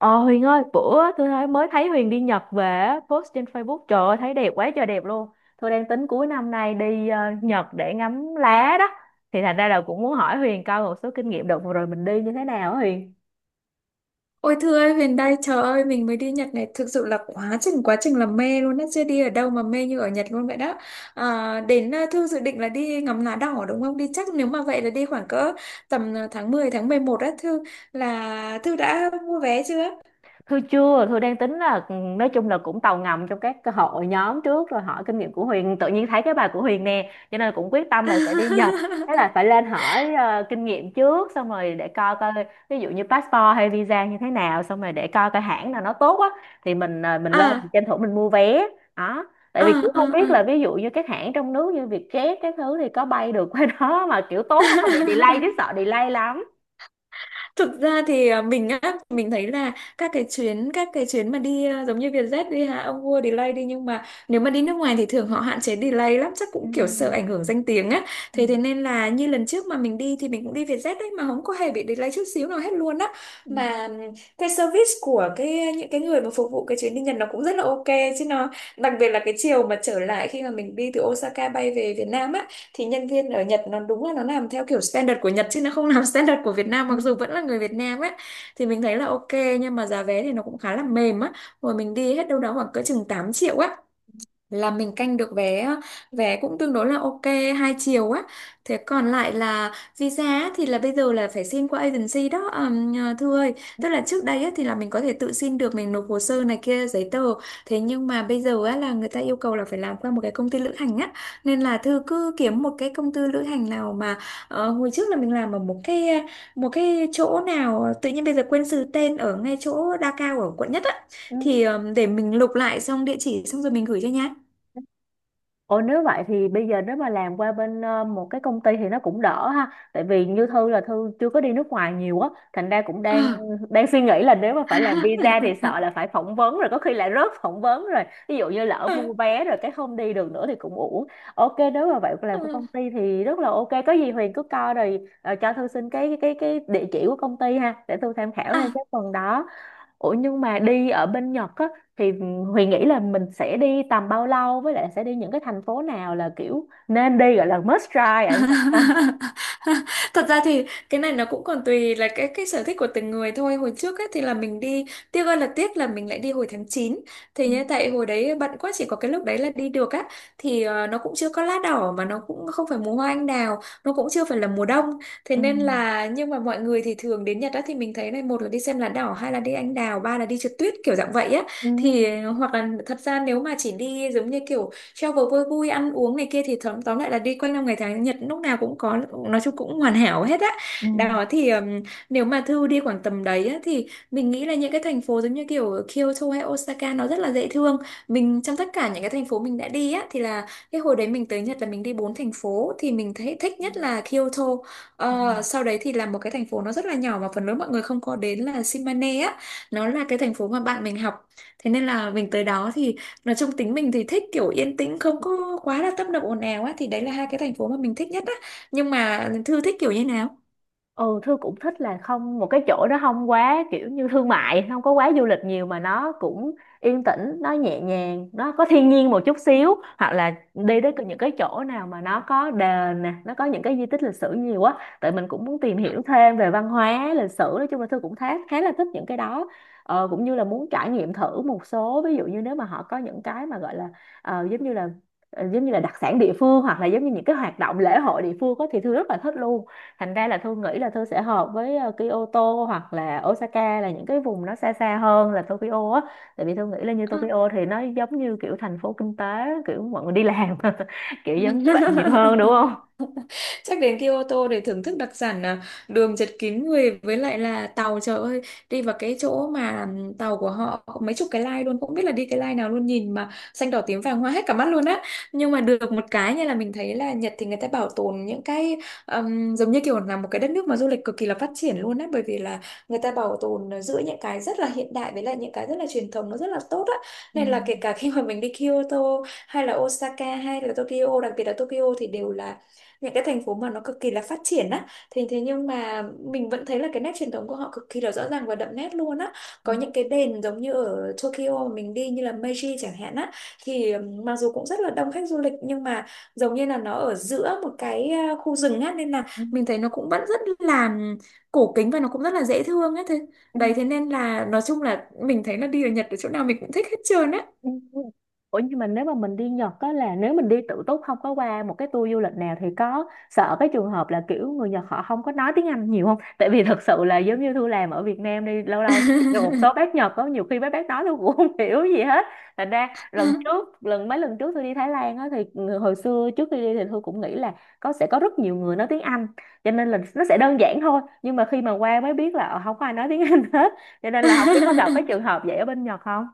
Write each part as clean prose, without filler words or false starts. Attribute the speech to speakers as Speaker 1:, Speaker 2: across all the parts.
Speaker 1: Ờ Huyền ơi, bữa tôi mới thấy Huyền đi Nhật về á, post trên Facebook, trời ơi thấy đẹp quá trời, đẹp luôn. Tôi đang tính cuối năm nay đi Nhật để ngắm lá đó. Thì thành ra là cũng muốn hỏi Huyền coi một số kinh nghiệm đợt vừa rồi mình đi như thế nào á Huyền.
Speaker 2: Ôi thưa ơi, Huyền đây, trời ơi, mình mới đi Nhật này, thực sự là quá trình là mê luôn á, chưa đi ở đâu mà mê như ở Nhật luôn vậy đó. À, Thư dự định là đi ngắm lá đỏ đúng không? Đi chắc nếu mà vậy là đi khoảng cỡ tầm tháng 10 tháng 11 á, là Thư đã mua vé chưa?
Speaker 1: Thư chưa, Thư đang tính là nói chung là cũng tàu ngầm trong các cái hội nhóm trước rồi hỏi kinh nghiệm của Huyền, tự nhiên thấy cái bài của Huyền nè, cho nên cũng quyết tâm là sẽ đi Nhật. Thế là phải lên hỏi kinh nghiệm trước, xong rồi để coi coi ví dụ như passport hay visa như thế nào, xong rồi để coi coi hãng nào nó tốt á, thì mình lên, mình
Speaker 2: À,
Speaker 1: tranh thủ mình mua vé đó. Tại
Speaker 2: à,
Speaker 1: vì cũng không biết
Speaker 2: à, à.
Speaker 1: là ví dụ như các hãng trong nước như Vietjet các thứ thì có bay được qua đó mà kiểu tốt không, có bị delay, chứ sợ delay lắm.
Speaker 2: Thực ra thì mình thấy là các cái chuyến mà đi giống như Vietjet đi hả ông vua delay đi, nhưng mà nếu mà đi nước ngoài thì thường họ hạn chế delay lắm, chắc
Speaker 1: Ừ.
Speaker 2: cũng kiểu sợ ảnh hưởng danh tiếng á,
Speaker 1: Ừ.
Speaker 2: thế thế nên là như lần trước mà mình đi thì mình cũng đi Vietjet đấy mà không có hề bị delay chút xíu nào hết luôn á.
Speaker 1: Ừ.
Speaker 2: Mà cái service của cái những cái người mà phục vụ cái chuyến đi Nhật nó cũng rất là ok chứ nó, đặc biệt là cái chiều mà trở lại khi mà mình đi từ Osaka bay về Việt Nam á, thì nhân viên ở Nhật nó đúng là nó làm theo kiểu standard của Nhật chứ nó không làm standard của Việt Nam,
Speaker 1: Ừ.
Speaker 2: mặc dù vẫn là người Việt Nam ấy, thì mình thấy là ok. Nhưng mà giá vé thì nó cũng khá là mềm á, hồi mình đi hết đâu đó khoảng cỡ chừng 8 triệu á, là mình canh được vé á, vé cũng tương đối là ok, hai chiều á. Thế còn lại là visa á, thì là bây giờ là phải xin qua agency đó Thư ơi, tức là trước đây á, thì là mình có thể tự xin được, mình nộp hồ sơ này kia giấy tờ, thế nhưng mà bây giờ á, là người ta yêu cầu là phải làm qua một cái công ty lữ hành á, nên là Thư cứ kiếm một cái công ty lữ hành nào mà, hồi trước là mình làm ở một cái chỗ nào, tự nhiên bây giờ quên sự tên, ở ngay chỗ Đa Cao ở quận nhất á,
Speaker 1: Ừ.
Speaker 2: thì để mình lục lại xong địa chỉ xong rồi mình gửi cho nhá.
Speaker 1: Ồ, nếu vậy thì bây giờ nếu mà làm qua bên một cái công ty thì nó cũng đỡ ha. Tại vì như Thư là Thư chưa có đi nước ngoài nhiều á, thành ra cũng đang
Speaker 2: À.
Speaker 1: đang suy nghĩ là nếu mà phải làm visa thì sợ là phải phỏng vấn, rồi có khi lại rớt phỏng vấn rồi. Ví dụ như lỡ mua vé rồi cái không đi được nữa thì cũng uổng. Ok, nếu mà vậy làm cái công ty thì rất là ok. Có gì Huyền cứ coi rồi cho Thư xin cái địa chỉ của công ty ha, để Thư tham khảo thêm cái phần đó. Ủa, nhưng mà đi ở bên Nhật á, thì Huyền nghĩ là mình sẽ đi tầm bao lâu, với lại sẽ đi những cái thành phố nào là kiểu nên đi, gọi là must try ở Nhật ha?
Speaker 2: Thật ra thì cái này nó cũng còn tùy là cái sở thích của từng người thôi. Hồi trước ấy thì là mình đi, tiếc ơi là tiếc là mình lại đi hồi tháng 9. Thì
Speaker 1: Ừ.
Speaker 2: như tại hồi đấy bận quá, chỉ có cái lúc đấy là đi được á, thì nó cũng chưa có lá đỏ mà nó cũng không phải mùa hoa anh đào, nó cũng chưa phải là mùa đông. Thế
Speaker 1: Ừ.
Speaker 2: nên là, nhưng mà mọi người thì thường đến Nhật á thì mình thấy này, một là đi xem lá đỏ, hai là đi anh đào, ba là đi trượt tuyết, kiểu dạng vậy á.
Speaker 1: Ừ.
Speaker 2: Thì hoặc là thật ra nếu mà chỉ đi giống như kiểu travel vui vui ăn uống này kia thì tóm tóm lại là đi quanh năm ngày tháng, Nhật lúc nào cũng có, nói chung cũng hoàn hảo hết á.
Speaker 1: Ừ.
Speaker 2: Đó thì nếu mà Thư đi khoảng tầm đấy á, thì mình nghĩ là những cái thành phố giống như kiểu Kyoto hay Osaka nó rất là dễ thương. Mình trong tất cả những cái thành phố mình đã đi á thì là cái hồi đấy mình tới Nhật là mình đi bốn thành phố thì mình thấy thích nhất là Kyoto.
Speaker 1: Ừ.
Speaker 2: Ờ, sau đấy thì là một cái thành phố nó rất là nhỏ mà phần lớn mọi người không có đến là Shimane á, nó là cái thành phố mà bạn mình học, thế nên là mình tới đó thì, nói chung tính mình thì thích kiểu yên tĩnh không có quá là tấp nập ồn ào á, thì đấy là hai cái thành phố mà mình thích nhất á. Nhưng mà Thư thích kiểu như nào?
Speaker 1: Ừ, Thư cũng thích là không, một cái chỗ đó không quá kiểu như thương mại, không có quá du lịch nhiều mà nó cũng yên tĩnh, nó nhẹ nhàng, nó có thiên nhiên một chút xíu, hoặc là đi đến những cái chỗ nào mà nó có đền nè, nó có những cái di tích lịch sử nhiều á. Tại mình cũng muốn tìm hiểu thêm về văn hóa lịch sử, nói chung là Thư cũng khá khá là thích những cái đó. Cũng như là muốn trải nghiệm thử một số, ví dụ như nếu mà họ có những cái mà gọi là ờ, giống như là giống như là đặc sản địa phương, hoặc là giống như những cái hoạt động lễ hội địa phương á, thì Thư rất là thích luôn. Thành ra là Thư nghĩ là Thư sẽ hợp với Kyoto hoặc là Osaka, là những cái vùng nó xa xa hơn là Tokyo á. Tại vì Thư nghĩ là như
Speaker 2: Ờ.
Speaker 1: Tokyo thì nó giống như kiểu thành phố kinh tế, kiểu mọi người đi làm kiểu giống như vậy nhiều hơn, đúng không?
Speaker 2: Chắc đến Kyoto để thưởng thức đặc sản đường chật kín người với lại là tàu, trời ơi, đi vào cái chỗ mà tàu của họ có mấy chục cái line luôn, không biết là đi cái line nào luôn, nhìn mà xanh đỏ tím vàng hoa hết cả mắt luôn á. Nhưng mà được một cái như là mình thấy là Nhật thì người ta bảo tồn những cái giống như kiểu là một cái đất nước mà du lịch cực kỳ là phát triển luôn á, bởi vì là người ta bảo tồn giữa những cái rất là hiện đại với lại những cái rất là truyền thống nó rất là tốt á,
Speaker 1: Ừ.
Speaker 2: nên là kể cả khi mà mình đi Kyoto hay là Osaka hay là Tokyo, đặc biệt là Tokyo, thì đều là những cái thành phố mà nó cực kỳ là phát triển á, thế thế nhưng mà mình vẫn thấy là cái nét truyền thống của họ cực kỳ là rõ ràng và đậm nét luôn á. Có những cái đền giống như ở Tokyo mà mình đi như là Meiji chẳng hạn á, thì mặc dù cũng rất là đông khách du lịch nhưng mà giống như là nó ở giữa một cái khu rừng á, nên là
Speaker 1: Ừ.
Speaker 2: mình thấy nó cũng vẫn rất là cổ kính và nó cũng rất là dễ thương á. Thế
Speaker 1: Ừ.
Speaker 2: đấy, thế nên là nói chung là mình thấy là đi ở Nhật ở chỗ nào mình cũng thích hết trơn á.
Speaker 1: Ừ. Ủa, nhưng mà nếu mà mình đi Nhật á, là nếu mình đi tự túc không có qua một cái tour du lịch nào, thì có sợ cái trường hợp là kiểu người Nhật họ không có nói tiếng Anh nhiều không? Tại vì thật sự là giống như Thu làm ở Việt Nam đi lâu lâu được một số bác Nhật, có nhiều khi mấy bác nói tôi cũng không hiểu gì hết. Thành ra lần trước lần mấy lần trước tôi đi Thái Lan á thì hồi xưa trước khi đi thì Thu cũng nghĩ là sẽ có rất nhiều người nói tiếng Anh, cho nên là nó sẽ đơn giản thôi, nhưng mà khi mà qua mới biết là không có ai nói tiếng Anh hết, cho nên là không biết có gặp cái trường hợp vậy ở bên Nhật không?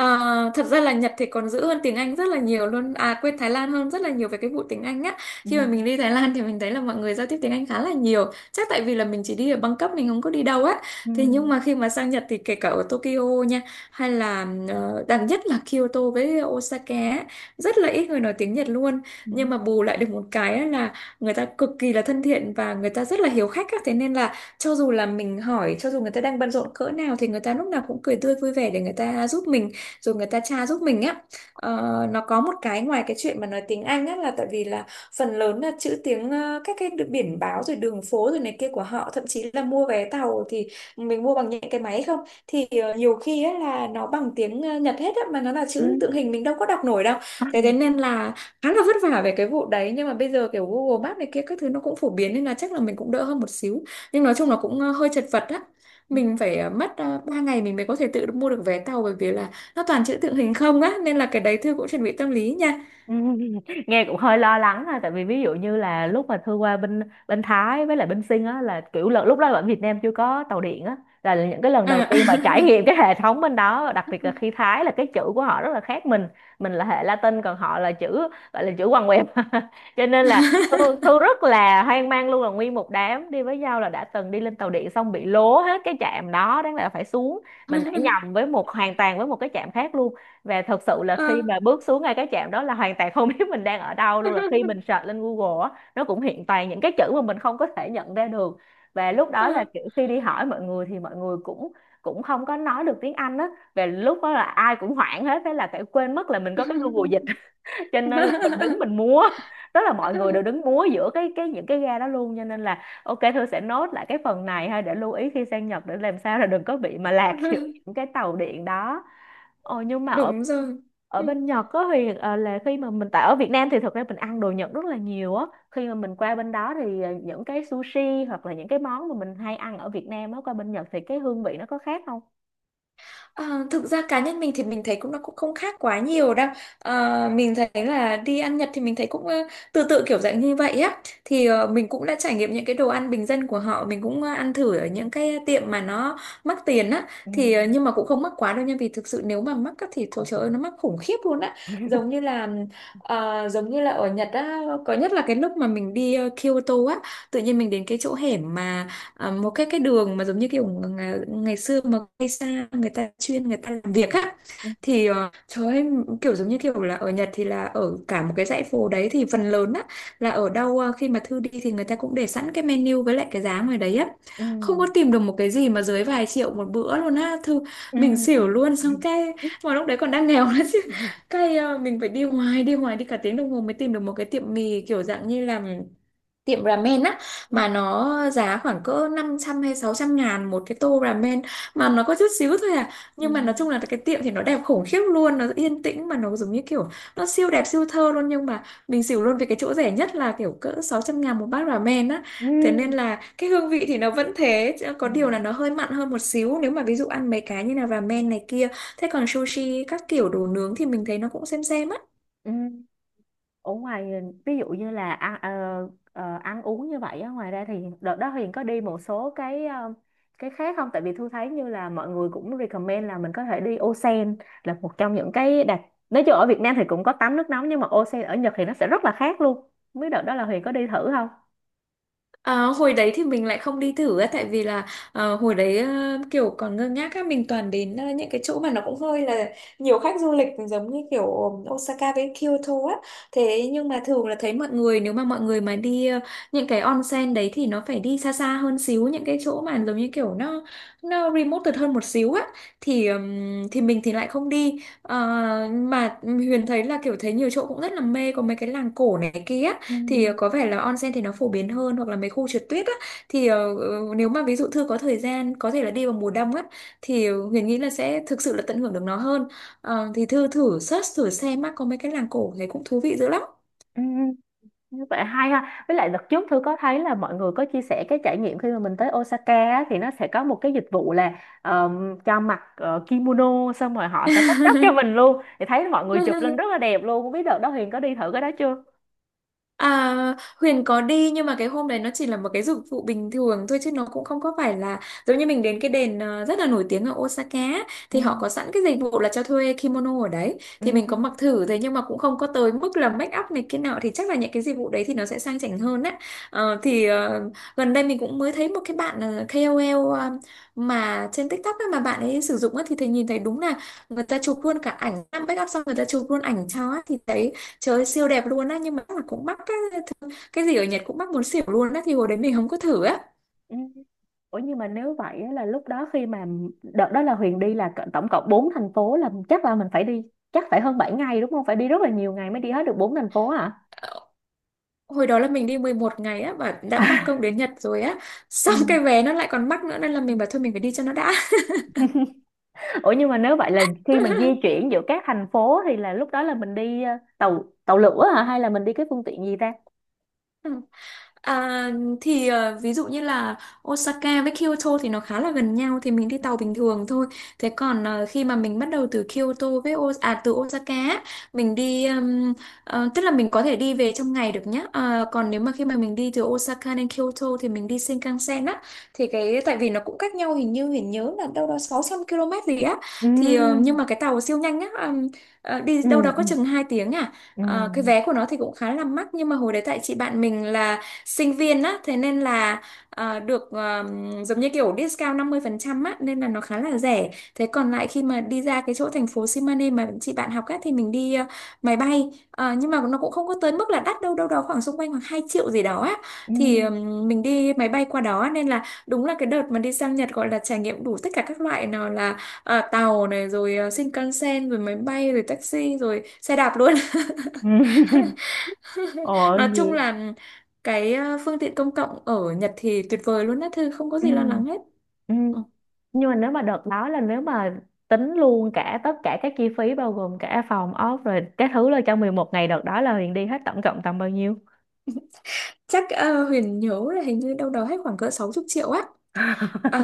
Speaker 2: À, thật ra là Nhật thì còn giữ hơn tiếng Anh rất là nhiều luôn, à quên, Thái Lan hơn rất là nhiều về cái vụ tiếng Anh á.
Speaker 1: Ừ.
Speaker 2: Khi mà mình đi Thái Lan thì mình thấy là mọi người giao tiếp tiếng Anh khá là nhiều, chắc tại vì là mình chỉ đi ở Bangkok mình không có đi đâu á, thế nhưng
Speaker 1: Ừ,
Speaker 2: mà khi mà sang Nhật thì kể cả ở Tokyo nha, hay là đặc nhất là Kyoto với Osaka á, rất là ít người nói tiếng Nhật luôn.
Speaker 1: ừ,
Speaker 2: Nhưng mà bù lại được một cái á là người ta cực kỳ là thân thiện và người ta rất là hiếu khách á, thế nên là cho dù là mình hỏi, cho dù người ta đang bận rộn cỡ nào thì người ta lúc nào cũng cười tươi vui vẻ để người ta giúp mình, rồi người ta tra giúp mình á. Ờ, nó có một cái, ngoài cái chuyện mà nói tiếng Anh á là tại vì là phần lớn là chữ tiếng các cái biển báo rồi đường phố rồi này kia của họ, thậm chí là mua vé tàu thì mình mua bằng những cái máy không, thì nhiều khi á là nó bằng tiếng Nhật hết á, mà nó là
Speaker 1: ừ.
Speaker 2: chữ tượng hình mình đâu có đọc nổi đâu, thế thế nên là khá là vất vả về cái vụ đấy. Nhưng mà bây giờ kiểu Google Maps này kia các thứ nó cũng phổ biến nên là chắc là mình cũng đỡ hơn một xíu, nhưng nói chung là cũng hơi chật vật á.
Speaker 1: Ừ.
Speaker 2: Mình phải mất 3 ngày mình mới có thể tự mua được vé tàu, bởi vì là nó toàn chữ tượng hình không á, nên là cái đấy Thư cũng chuẩn bị tâm lý nha.
Speaker 1: Ừ, nghe cũng hơi lo lắng ha, tại vì ví dụ như là lúc mà Thư qua bên bên Thái với lại bên Sinh á, là kiểu lúc đó ở Việt Nam chưa có tàu điện á, là những cái lần đầu
Speaker 2: Ờ.
Speaker 1: tiên mà trải nghiệm cái hệ thống bên đó, đặc biệt là khi Thái là cái chữ của họ rất là khác mình là hệ Latin còn họ là chữ gọi là chữ quằn quẹo, cho nên là Thư, Thư rất là hoang mang luôn, là nguyên một đám đi với nhau là đã từng đi lên tàu điện xong bị lố hết cái trạm đó, đáng lẽ là phải xuống, mình đã nhầm với một hoàn toàn với một cái trạm khác luôn. Và thật sự là
Speaker 2: Ờ,
Speaker 1: khi mà bước xuống ngay cái trạm đó là hoàn toàn không biết mình đang ở đâu luôn, là khi mình search lên Google á nó cũng hiện toàn những cái chữ mà mình không có thể nhận ra được. Và lúc
Speaker 2: ờ.
Speaker 1: đó là kiểu khi đi hỏi mọi người thì mọi người cũng cũng không có nói được tiếng Anh á, và lúc đó là ai cũng hoảng hết, thế là phải quên mất là mình có cái Google dịch, cho nên là mình đứng mình múa, đó là mọi người đều đứng múa giữa cái những cái ga đó luôn, cho nên là ok Thư sẽ nốt lại cái phần này ha, để lưu ý khi sang Nhật để làm sao là đừng có bị mà lạc giữa những cái tàu điện đó. Ồ, nhưng mà
Speaker 2: Đúng rồi.
Speaker 1: ở
Speaker 2: Ừ.
Speaker 1: bên Nhật có thì là khi mà mình, tại ở Việt Nam thì thực ra mình ăn đồ Nhật rất là nhiều á, khi mà mình qua bên đó thì những cái sushi hoặc là những cái món mà mình hay ăn ở Việt Nam á, qua bên Nhật thì cái hương vị nó có khác không?
Speaker 2: Ờ, Thực ra cá nhân mình thì mình thấy cũng nó cũng không khác quá nhiều đâu. Mình thấy là đi ăn Nhật thì mình thấy cũng tự tự kiểu dạng như vậy á. Thì mình cũng đã trải nghiệm những cái đồ ăn bình dân của họ, mình cũng ăn thử ở những cái tiệm mà nó mắc tiền á.
Speaker 1: Ừ.
Speaker 2: Nhưng mà cũng không mắc quá đâu nha, vì thực sự nếu mà mắc á, thì thôi trời ơi nó mắc khủng khiếp luôn á. Giống như là, giống như là ở Nhật á, có nhất là cái lúc mà mình đi Kyoto á. Tự nhiên mình đến cái chỗ hẻm mà, à, một cái đường mà giống như kiểu ngày xưa mà cây sa người ta chuyên người ta làm việc á.
Speaker 1: Ừ.
Speaker 2: Trời ơi, kiểu giống như kiểu là ở Nhật thì là ở cả một cái dãy phố đấy thì phần lớn á, là ở đâu khi mà Thư đi thì người ta cũng để sẵn cái menu với lại cái giá ngoài đấy á,
Speaker 1: Ừ.
Speaker 2: không có tìm được một cái gì mà dưới vài triệu một bữa luôn á Thư.
Speaker 1: Ừ.
Speaker 2: Mình xỉu luôn,
Speaker 1: Ừ.
Speaker 2: xong cái mà lúc đấy còn đang nghèo nữa chứ.
Speaker 1: Ừ.
Speaker 2: Mình phải đi hoài đi cả tiếng đồng hồ mới tìm được một cái tiệm mì kiểu dạng như là tiệm ramen á, mà nó giá khoảng cỡ 500 hay 600 ngàn một cái tô ramen, mà nó có chút xíu thôi à.
Speaker 1: Ừ.
Speaker 2: Nhưng mà nói chung là cái tiệm thì nó đẹp khủng khiếp luôn, nó yên tĩnh, mà nó giống như kiểu nó siêu đẹp siêu thơ luôn, nhưng mà mình xỉu luôn vì cái chỗ rẻ nhất là kiểu cỡ 600 ngàn một bát ramen á. Thế nên
Speaker 1: Ừ.
Speaker 2: là cái hương vị thì nó vẫn thế, chứ
Speaker 1: Ừ.
Speaker 2: có điều là nó hơi mặn hơn một xíu nếu mà ví dụ ăn mấy cái như là ramen này kia. Thế còn sushi các kiểu đồ nướng thì mình thấy nó cũng xem á.
Speaker 1: Ừ. Ở ngoài, ví dụ như là ăn uống như vậy á, ngoài ra thì đợt đó Huyền có đi một số cái khác không? Tại vì Thu thấy như là mọi người cũng recommend là mình có thể đi Osen, là một trong những cái nói chung ở Việt Nam thì cũng có tắm nước nóng, nhưng mà Osen ở Nhật thì nó sẽ rất là khác luôn, không biết đợt đó là Huyền có đi thử không?
Speaker 2: Ờ, hồi đấy thì mình lại không đi thử á, tại vì là hồi đấy kiểu còn ngơ ngác á, mình toàn đến những cái chỗ mà nó cũng hơi là nhiều khách du lịch, giống như kiểu Osaka với Kyoto á. Thế nhưng mà thường là thấy mọi người nếu mà mọi người mà đi những cái onsen đấy thì nó phải đi xa xa hơn xíu, những cái chỗ mà giống như kiểu nó remote hơn một xíu á. Thì mình thì lại không đi. Ờ, mà Huyền thấy là kiểu thấy nhiều chỗ cũng rất là mê, có mấy cái làng cổ này kia.
Speaker 1: Ừ.
Speaker 2: Có vẻ là onsen thì nó phổ biến hơn, hoặc là mấy khu trượt tuyết á. Nếu mà ví dụ Thư có thời gian có thể là đi vào mùa đông á, thì Huyền nghĩ là sẽ thực sự là tận hưởng được nó hơn. Ờ, thì Thư thử search thử xem á, có mấy cái làng cổ thấy cũng thú vị dữ lắm.
Speaker 1: Ừ. Như vậy hay ha. Với lại đợt trước Thư có thấy là mọi người có chia sẻ cái trải nghiệm khi mà mình tới Osaka á, thì nó sẽ có một cái dịch vụ là cho mặc kimono, xong rồi họ sẽ make up cho mình luôn. Thì thấy mọi người chụp lên rất là đẹp luôn. Không biết đợt đó Huyền có đi thử cái đó chưa?
Speaker 2: À, Huyền có đi, nhưng mà cái hôm đấy nó chỉ là một cái dịch vụ bình thường thôi, chứ nó cũng không có phải là giống như mình đến cái đền rất là nổi tiếng ở Osaka á,
Speaker 1: Ừ.
Speaker 2: thì họ có sẵn cái dịch vụ là cho thuê kimono ở đấy,
Speaker 1: Ừ.
Speaker 2: thì mình có mặc thử. Thế nhưng mà cũng không có tới mức là make up này kia nọ, thì chắc là những cái dịch vụ đấy thì nó sẽ sang chảnh hơn á. Ờ, thì ờ, Gần đây mình cũng mới thấy một cái bạn KOL, mà trên TikTok á, mà bạn ấy sử dụng á, thì thầy nhìn thấy đúng là người ta chụp luôn cả ảnh make up xong người ta chụp luôn ảnh cho á, thì thấy trời ơi, siêu đẹp luôn á, nhưng mà chắc là cũng mắc á. Cái gì ở Nhật cũng mắc muốn xỉu luôn á, thì hồi đấy mình không có thử á.
Speaker 1: Ừ. Ủa, nhưng mà nếu vậy á, là lúc đó khi mà đợt đó là Huyền đi là tổng cộng 4 thành phố, là chắc là mình phải đi, chắc phải hơn 7 ngày đúng không? Phải đi rất là nhiều ngày mới đi hết được 4 thành phố hả?
Speaker 2: Ờ, hồi đó là mình đi 11 ngày á, và đã mắc công đến Nhật rồi á xong cái vé nó lại còn mắc nữa, nên là mình bảo thôi mình phải đi cho nó đã.
Speaker 1: Ủa, nhưng mà nếu vậy là khi mà di chuyển giữa các thành phố thì là lúc đó là mình đi tàu tàu lửa hả, hay là mình đi cái phương tiện gì ta?
Speaker 2: Ừ. À, ví dụ như là Osaka với Kyoto thì nó khá là gần nhau thì mình đi tàu bình thường thôi. Thế còn khi mà mình bắt đầu từ Kyoto với O à từ Osaka á, mình đi, tức là mình có thể đi về trong ngày được nhá. Ờ, còn nếu mà khi mà mình đi từ Osaka đến Kyoto thì mình đi Shinkansen á, thì cái tại vì nó cũng cách nhau hình như mình nhớ là đâu đó 600 km gì á. Nhưng
Speaker 1: Ừ.
Speaker 2: mà cái tàu siêu nhanh á, đi
Speaker 1: Ừ.
Speaker 2: đâu đó
Speaker 1: Ừ.
Speaker 2: có chừng 2 tiếng à.
Speaker 1: Ừ.
Speaker 2: Ờ, cái vé của nó thì cũng khá là mắc, nhưng mà hồi đấy tại chị bạn mình là sinh viên á, thế nên là được giống như kiểu discount 50% á, nên là nó khá là rẻ. Thế còn lại khi mà đi ra cái chỗ thành phố Simane mà chị bạn học á thì mình đi máy bay. Ờ, nhưng mà nó cũng không có tới mức là đắt đâu, đâu đó khoảng xung quanh khoảng 2 triệu gì đó á,
Speaker 1: Ừ.
Speaker 2: thì mình đi máy bay qua đó, nên là đúng là cái đợt mà đi sang Nhật gọi là trải nghiệm đủ tất cả các loại, nào là tàu này, rồi Shinkansen, rồi máy bay, rồi taxi, rồi xe đạp luôn.
Speaker 1: Ừ. Ồ,
Speaker 2: Nói chung
Speaker 1: như.
Speaker 2: là phương tiện công cộng ở Nhật thì tuyệt vời luôn á Thư, không có
Speaker 1: Ừ,
Speaker 2: gì lo lắng hết.
Speaker 1: ừ.
Speaker 2: Ừ.
Speaker 1: Nhưng mà nếu mà đợt đó là nếu mà tính luôn cả tất cả các chi phí bao gồm cả phòng ốc rồi các thứ, là trong 11 ngày đợt đó là Huyền đi hết tổng cộng tầm bao nhiêu?
Speaker 2: Chắc Huyền nhớ là hình như đâu đó hết khoảng cỡ 60 triệu á. Ờ,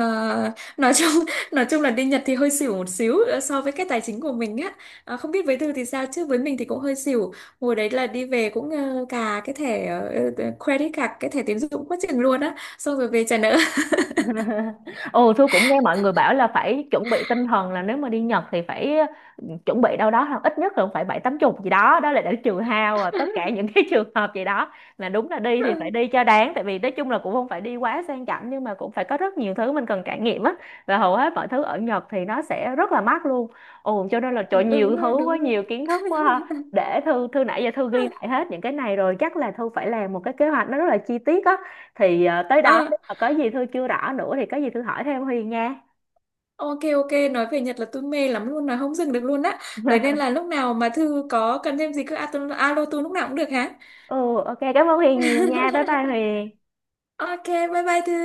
Speaker 2: nói chung nói chung là đi Nhật thì hơi xỉu một xíu so với cái tài chính của mình á. Ờ, không biết với Thư thì sao, chứ với mình thì cũng hơi xỉu. Hồi đấy là đi về cũng cà cái thẻ, credit card, cái thẻ tín dụng quá chừng luôn á, xong rồi về trả nợ.
Speaker 1: Ồ, Thu cũng nghe mọi người bảo là phải chuẩn bị tinh thần là nếu mà đi Nhật thì phải chuẩn bị đâu đó là ít nhất là cũng phải bảy tám chục gì đó, đó là để trừ hao và tất cả những cái trường hợp gì đó, là đúng là đi thì phải đi cho đáng, tại vì nói chung là cũng không phải đi quá sang chảnh nhưng mà cũng phải có rất nhiều thứ mình cần trải nghiệm á, và hầu hết mọi thứ ở Nhật thì nó sẽ rất là mắc luôn. Ồ, cho nên là trời nhiều
Speaker 2: Đúng rồi,
Speaker 1: thứ
Speaker 2: đúng
Speaker 1: quá,
Speaker 2: rồi.
Speaker 1: nhiều kiến thức quá ha. Để Thư Thư nãy giờ Thư ghi lại hết những cái này rồi, chắc là Thư phải làm một cái kế hoạch nó rất là chi tiết á, thì tới đó
Speaker 2: Ờ,
Speaker 1: nếu mà có gì Thư chưa rõ nữa thì có gì Thư hỏi thêm Huyền nha.
Speaker 2: ok ok, nói về Nhật là tôi mê lắm luôn, nói không dừng được luôn á. Đấy nên là lúc nào mà Thư có cần thêm gì cứ alo tôi, alo tôi lúc nào cũng được hả?
Speaker 1: Ừ, ok cảm ơn Huyền nhiều nha, bye bye Huyền.
Speaker 2: Ok, bye bye Thư.